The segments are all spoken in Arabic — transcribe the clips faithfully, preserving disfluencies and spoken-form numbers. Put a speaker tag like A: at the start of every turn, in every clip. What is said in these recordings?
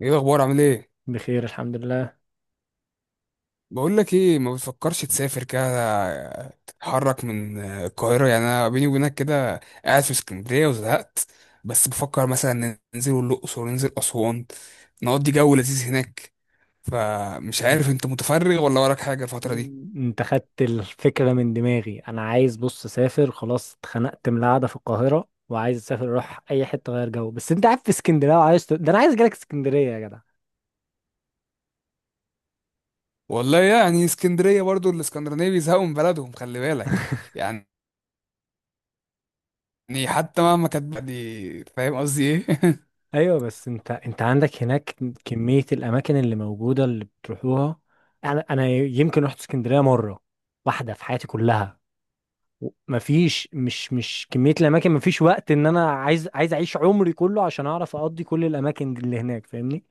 A: ايه الاخبار؟ عامل ايه؟
B: بخير، الحمد لله.
A: بقول لك ايه، ما بتفكرش تسافر كده؟ تتحرك من القاهره. يعني انا بيني وبينك كده، قاعد في اسكندريه وزهقت. بس بفكر مثلا ننزل الاقصر وننزل اسوان، نقضي جو لذيذ هناك. فمش عارف انت متفرغ ولا وراك حاجه الفتره دي.
B: انت خدت الفكرة من دماغي، انا عايز، بص اسافر، خلاص اتخنقت من القعدة في القاهرة وعايز اسافر اروح اي حتة غير جو. بس انت قاعد في اسكندرية وعايز ت... ده انا عايز اجيلك اسكندرية يا جدع.
A: والله يعني اسكندريه برضو الاسكندرانيه بيزهقوا من بلدهم، خلي بالك. يعني حتى مهما كانت بلدي، فاهم قصدي ايه؟
B: ايوه، بس انت انت عندك هناك كمية الاماكن اللي موجودة اللي بتروحوها. انا انا يمكن رحت اسكندرية مرة واحدة في حياتي كلها. و- مفيش، مش مش كمية الاماكن، مفيش وقت ان انا عايز عايز اعيش عمري كله عشان اعرف اقضي كل الاماكن اللي هناك، فاهمني؟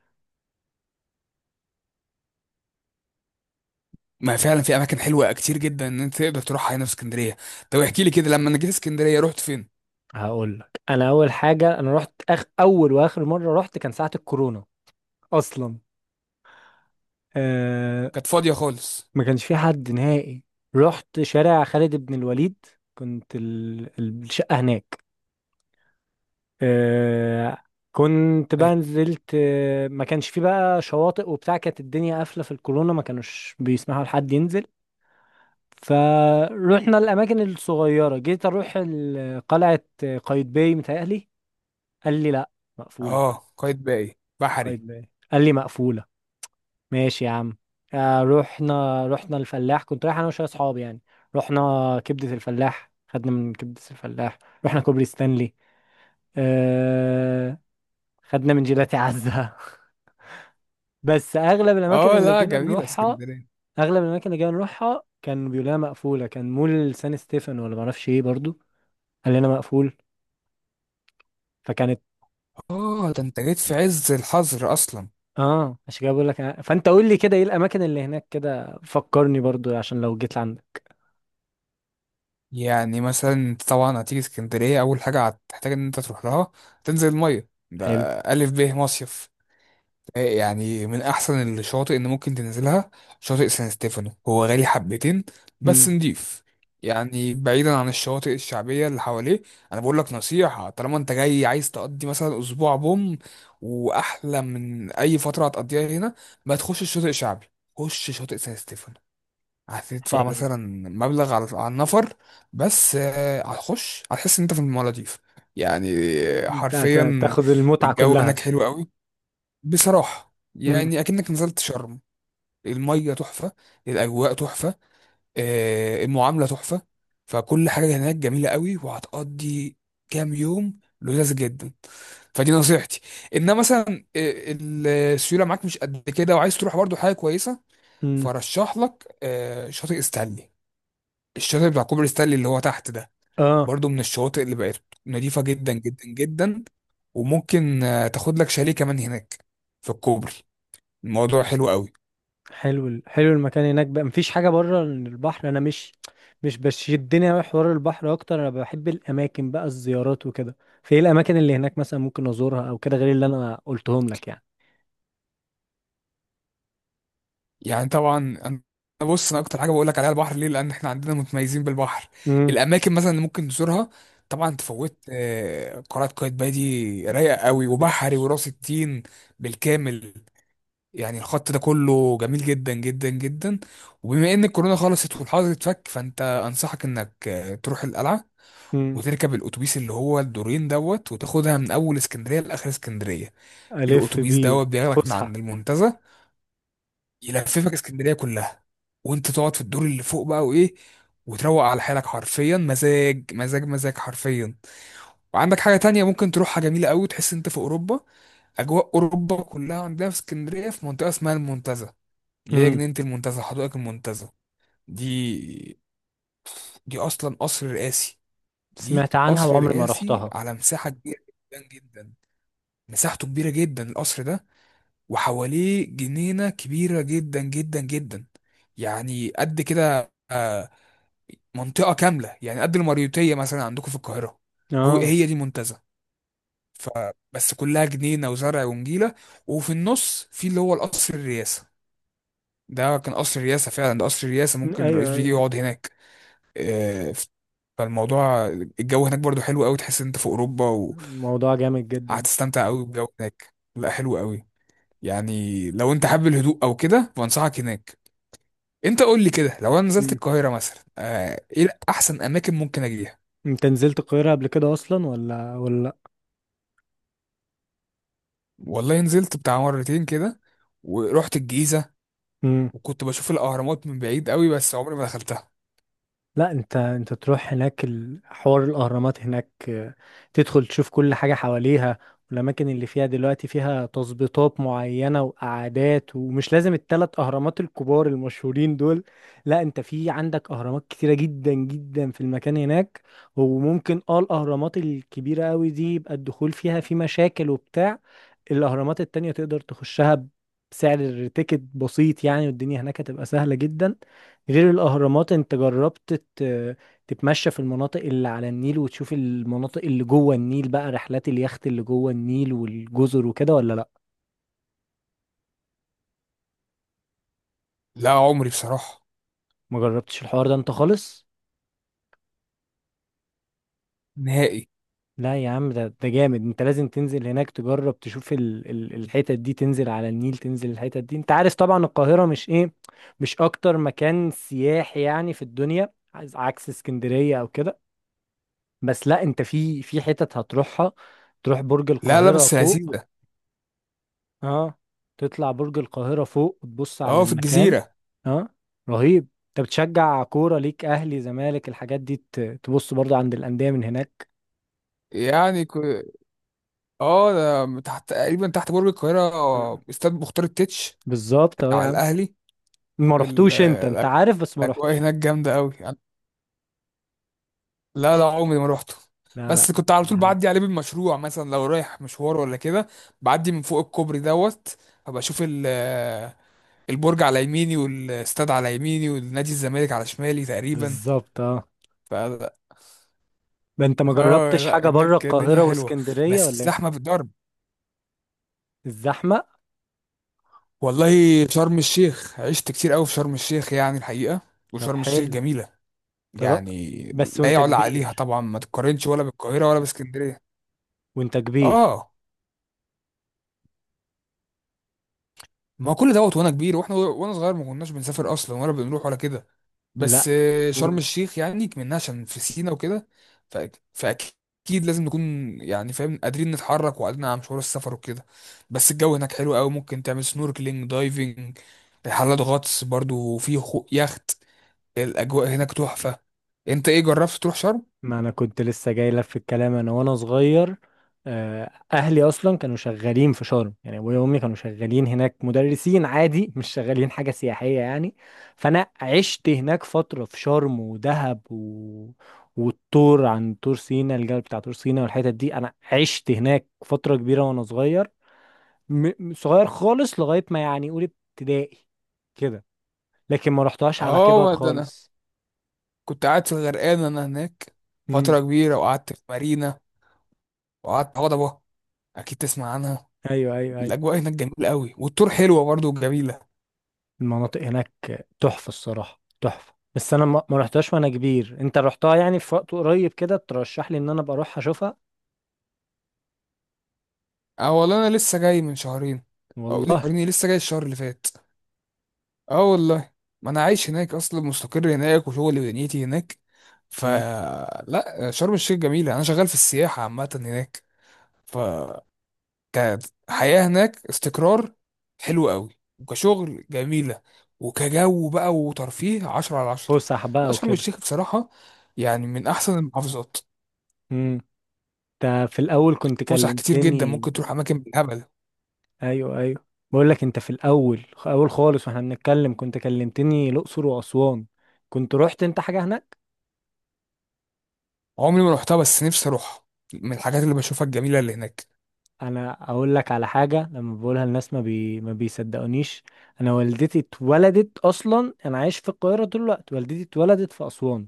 A: ما فعلا في اماكن حلوه كتير جدا ان انت تقدر تروحها هنا في اسكندريه. طب احكي لي كده، لما انا جيت اسكندريه رحت فين؟
B: هقول لك، انا اول حاجه انا رحت أخ... اول واخر مره رحت كان ساعه الكورونا اصلا. آه...
A: كانت فاضيه خالص؟
B: ما كانش في حد نهائي. رحت شارع خالد بن الوليد، كنت ال... الشقه هناك. آه... كنت بقى
A: حلو.
B: نزلت، آه، ما كانش في بقى شواطئ وبتاع، كانت الدنيا قافله في الكورونا ما كانوش بيسمحوا لحد ينزل. فروحنا الاماكن الصغيره، جيت اروح ال- قلعه قايتباي متهيألي، قال لي لا مقفوله.
A: اه، قايد باقي بحري.
B: قايتباي قال لي مقفوله. ماشي يا عم. آه رحنا رحنا الفلاح، كنت رايح انا وشويه اصحابي يعني. رحنا كبده الفلاح، خدنا من كبده الفلاح، رحنا كوبري ستانلي، آه خدنا من جيلاتي عزة. بس اغلب الاماكن
A: اه،
B: اللي
A: لا
B: جينا
A: جميله
B: نروحها
A: اسكندريه.
B: اغلب الاماكن اللي جينا نروحها كان بيقول لنا مقفوله، كان مول سان ستيفن ولا معرفش ايه برضو، قال لنا مقفول. فكانت.
A: اه، ده انت جيت في عز الحظر اصلا.
B: اه، عشان كده بقول لك أنا- فانت قول لي كده ايه الاماكن اللي هناك، كده فكرني برضو عشان لو جيت لعندك.
A: يعني مثلا انت طبعا هتيجي اسكندريه، اول حاجه هتحتاج ان انت تروح لها، تنزل الميه ده.
B: حلو.
A: الف ب مصيف. يعني من احسن الشواطئ اللي ممكن تنزلها. شاطئ سان ستيفانو هو غالي حبتين، بس
B: مم.
A: نضيف. يعني بعيدا عن الشواطئ الشعبيه اللي حواليه. انا بقول لك نصيحه، طالما انت جاي عايز تقضي مثلا اسبوع بوم، واحلى من اي فتره هتقضيها هنا، ما تخش الشاطئ الشعبي، خش شاطئ سان ستيفانو. هتدفع مثلا مبلغ على على النفر، بس آه، هتخش هتحس ان انت في المالديف. يعني آه،
B: انت هت-
A: حرفيا.
B: تاخد المتعة
A: الجو
B: كلها.
A: هناك حلو قوي، بصراحة
B: مم.
A: يعني أكنك نزلت شرم. المية تحفة، الأجواء تحفة، آه، المعاملة تحفة. فكل حاجة هناك جميلة قوي، وهتقضي كام يوم لذاذ جدا. فدي نصيحتي. إنما مثلا آه، ال- السيولة معاك مش قد كده وعايز تروح برضو حاجة كويسة.
B: مم.
A: فرشح لك آه، شاطئ ستانلي، الشاطئ بتاع كوبري ستانلي اللي هو تحت ده،
B: اه،
A: برضو من الشواطئ اللي بقت نظيفة جدا جدا جدا. وممكن آه، تاخد لك شاليه كمان هناك في الكوبري، الموضوع حلو قوي.
B: حلو، ال- حلو المكان هناك بقى. مفيش حاجة بره البحر، انا مش مش بشدني اوي حوار البحر اكتر، انا بحب الاماكن بقى الزيارات وكده. في ايه الاماكن اللي هناك مثلا ممكن ازورها او كده غير اللي انا قلتهم لك يعني؟
A: يعني طبعا انا أنا بص، انا اكتر حاجه بقول لك عليها البحر، ليه؟ لان احنا عندنا متميزين بالبحر.
B: امم.
A: الاماكن مثلا اللي ممكن تزورها، طبعا تفوت آه، قلعه قايتباي، دي رايقه قوي،
B: لفت.
A: وبحري وراس التين بالكامل. يعني الخط ده كله جميل جدا جدا جدا. وبما ان الكورونا خلصت والحظر اتفك، فانت انصحك انك آه، تروح القلعه،
B: امم.
A: وتركب الاتوبيس اللي هو الدورين دوت، وتاخدها من اول اسكندريه لاخر اسكندريه.
B: الف
A: الاتوبيس
B: بيه.
A: دوت بياخدك من عند
B: فسحة.
A: المنتزه، يلففك اسكندريه كلها، وانت تقعد في الدور اللي فوق بقى وايه، وتروق على حالك، حرفيا مزاج مزاج مزاج، حرفيا. وعندك حاجه تانية ممكن تروحها جميله قوي، تحس انت في اوروبا. اجواء اوروبا كلها عندنا في اسكندريه، في منطقه اسمها المنتزه، اللي هي
B: امم.
A: جنينه المنتزه، حدائق المنتزه دي دي اصلا قصر رئاسي. دي
B: سمعت عنها
A: قصر
B: وعمري ما
A: رئاسي
B: رحتها.
A: على مساحه كبيره جدا جدا، مساحته كبيره جدا القصر ده، وحواليه جنينة كبيرة جدا جدا جدا. يعني قد كده، آه، منطقة كاملة، يعني قد المريوطية مثلا عندكم في القاهرة. هو
B: اه.
A: هي دي منتزه. فبس كلها جنينة وزرع ونجيلة، وفي النص في اللي هو القصر الرئاسة. ده كان قصر الرئاسة فعلا، ده قصر الرئاسة،
B: مم.
A: ممكن الرئيس
B: ايوه، ايوه،
A: بيجي
B: أيوة.
A: يقعد هناك. آه، فالموضوع، الجو هناك برضو حلو قوي، تحس إن انت في اوروبا.
B: الموضوع جامد جدا.
A: وهتستمتع قوي بالجو هناك، لا حلو قوي. يعني لو انت حابب الهدوء او كده، فانصحك هناك. انت قول لي كده، لو انا نزلت
B: مم.
A: القاهره مثلا، آه، ايه احسن اماكن ممكن اجيها؟
B: انت نزلت القاهرة قبل كده اصلا، ولا ولا؟
A: والله نزلت بتاع مرتين كده، ورحت الجيزه،
B: لا
A: وكنت بشوف الاهرامات من بعيد قوي، بس عمري ما دخلتها.
B: لا، انت انت تروح هناك ال- حوار الاهرامات هناك. آه، تدخل تشوف كل حاجه حواليها. والاماكن اللي فيها دلوقتي فيها تظبيطات معينه وقعدات، ومش لازم الثلاث اهرامات الكبار المشهورين دول. لا، انت في عندك اهرامات كتيره جدا جدا في المكان هناك. وممكن اه الاهرامات الكبيره قوي دي يبقى الدخول فيها في مشاكل وبتاع. الاهرامات التانية تقدر تخشها بسعر تيكت بسيط يعني، والدنيا هناك هتبقى سهله جدا. غير الأهرامات، أنت جربت ت- تتمشى في المناطق اللي على النيل وتشوف المناطق اللي جوه النيل، بقى رحلات اليخت اللي جوه النيل والجزر وكده، ولا لأ؟
A: لا عمري بصراحه
B: ما جربتش الحوار ده أنت خالص؟
A: نهائي.
B: لا يا عم، ده ده جامد، أنت لازم تنزل هناك تجرب تشوف ال ال الحتت دي، تنزل على النيل تنزل الحتت دي، أنت عارف طبعا القاهرة مش إيه، مش أكتر مكان سياحي يعني في الدنيا، عز- عكس اسكندرية أو كده. بس لا، أنت في في حتت هتروحها. تروح برج
A: لا، لا،
B: القاهرة
A: بس
B: فوق.
A: لذيذه.
B: اه. تطلع برج القاهرة فوق وتبص على
A: اه، في
B: المكان.
A: الجزيره.
B: اه. رهيب. انت بتشجع كورة، ليك اهلي زمالك الحاجات دي، ت- تبص برضو عند الأندية من هناك.
A: يعني ك... اه، ده تحت تقريبا، تحت برج القاهره،
B: آه.
A: آه، استاد مختار التتش
B: بالظبط، اه يا
A: بتاع
B: عم.
A: الاهلي.
B: ما
A: ال-
B: رحتوش؟ انت انت
A: آه،
B: عارف بس ما
A: الاجواء
B: رحتش.
A: هناك جامده قوي. لا، لا، عمري ما روحته.
B: لا،
A: بس
B: لا.
A: كنت على طول
B: بحب.
A: بعدي عليه بالمشروع، مثلا لو رايح مشوار ولا كده. بعدي من فوق الكوبري دوت، فبشوف اشوف ال- البرج على يميني، والاستاد على يميني، والنادي الزمالك على شمالي تقريبا.
B: بالظبط، اه.
A: ف
B: ده انت ما
A: اه،
B: جربتش
A: لا
B: حاجة بره
A: هناك الدنيا
B: القاهرة
A: حلوه،
B: واسكندرية
A: بس
B: ولا ايه؟
A: الزحمه بالضرب.
B: الزحمة.
A: والله شرم الشيخ عشت كتير قوي في شرم الشيخ، يعني الحقيقه،
B: طب
A: وشرم الشيخ
B: حلو.
A: جميله.
B: ترى.
A: يعني
B: بس
A: لا
B: وانت
A: يعلى عليها
B: كبير.
A: طبعا، ما تتقارنش ولا بالقاهره ولا باسكندريه.
B: وانت كبير.
A: اه، ما هو كل دوت وانا كبير، واحنا وانا صغير ما كناش بنسافر اصلا ولا بنروح ولا كده. بس
B: لا.
A: آه، شرم الشيخ يعني منها عشان في سينا وكده. ف- فاكيد لازم نكون، يعني فاهم، قادرين نتحرك وقادرين على مشوار السفر وكده. بس الجو هناك حلو قوي، ممكن تعمل سنوركلينج دايفنج، رحلات غطس برضو، وفي خو- يخت. الاجواء هناك تحفة. انت ايه جربت تروح شرم؟
B: ما انا كنت لسه جاي لك في الكلام، انا وانا صغير. آه، اهلي اصلا كانوا شغالين في شرم، يعني ابويا وامي كانوا شغالين هناك مدرسين عادي، مش شغالين حاجه سياحيه يعني. فانا عشت هناك فتره في شرم ودهب و... والطور، عن طور سينا الجبل بتاع طور سينا والحتت دي، انا عشت هناك فتره كبيره وانا صغير. م... م- صغير خالص لغايه ما يعني اولى ابتدائي كده. لكن ما رحتهاش على كبر
A: اه، ده انا
B: خالص.
A: كنت قاعد في الغرقان انا هناك
B: امم.
A: فترة كبيرة، وقعدت في مارينا، وقعدت في هضبة، اكيد تسمع عنها.
B: ايوه، ايوه، ايوه.
A: الاجواء هناك جميله قوي، والطور حلوه برضو وجميله.
B: المناطق هناك تحفة، الصراحة تحفة، بس انا ما ما رحتهاش وانا كبير. انت رحتها يعني في وقت قريب كده، ترشح لي ان انا ابقى اروح اشوفها؟
A: اه والله انا لسه جاي من شهرين، او لسه
B: والله.
A: شهرين، إيه، لسه جاي الشهر اللي فات. اه والله، ما انا عايش هناك اصلا، مستقر هناك، وشغلي ودنيتي هناك.
B: مم.
A: فلا شرم الشيخ جميله، انا شغال في السياحه عامه هناك. فكانت حياه هناك استقرار حلو قوي، وكشغل جميله، وكجو بقى وترفيه عشرة على عشرة.
B: فسح بقى
A: لا شرم
B: وكده.
A: الشيخ بصراحه يعني من احسن المحافظات.
B: مم. انت في الاول كنت
A: فسح كتير جدا،
B: كلمتني.
A: ممكن تروح اماكن بالهبل.
B: ايوه، ايوه. بقول لك، انت في الاول اول خالص واحنا بنتكلم كنت كلمتني الاقصر واسوان، كنت رحت انت حاجة هناك؟
A: عمري ما رحتها، بس نفسي اروح، من الحاجات اللي بشوفها الجميله اللي هناك.
B: انا اقول لك على حاجة، لما بقولها الناس ما بي... ما بيصدقونيش. انا والدتي اتولدت اصلا، انا عايش في القاهرة طول الوقت، والدتي اتولدت في اسوان.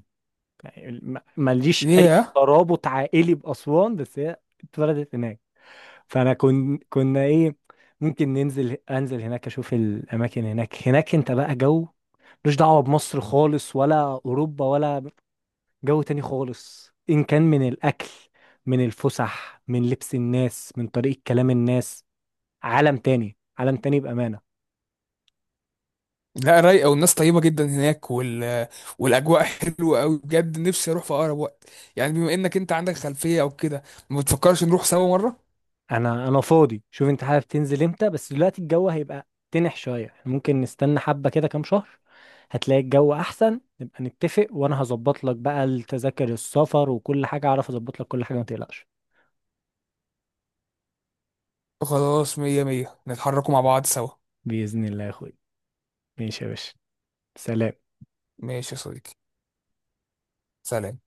B: يعني ما- ماليش اي
A: ليه؟
B: ترابط عائلي باسوان، بس هي اتولدت هناك. فانا كن كنا ايه، ممكن ننزل انزل هناك اشوف الاماكن هناك هناك انت بقى جو ملوش دعوه بمصر خالص، ولا اوروبا ولا، جو تاني خالص، ان كان من الاكل، من الفسح، من لبس الناس، من طريقه كلام الناس. عالم تاني، عالم تاني بامانه.
A: لا، رايقه والناس طيبه جدا هناك وال... والاجواء حلوه قوي، بجد نفسي اروح في اقرب وقت. يعني بما انك انت عندك خلفيه او كده، ما بتفكرش نروح سوا مره؟
B: انا انا فاضي، شوف انت حابب تنزل امتى، بس دلوقتي الجو هيبقى تنح شويه، احنا ممكن نستنى حبه كده كام شهر، هتلاقي الجو احسن، نبقى نتفق وانا هظبط لك بقى التذاكر السفر وكل حاجه، اعرف اظبط لك كل حاجه ما تقلقش.
A: خلاص، مية مية، نتحركوا مع بعض سوا.
B: باذن الله يا اخوي. ماشي يا باشا. سلام.
A: ماشي يا صديقي، سلام.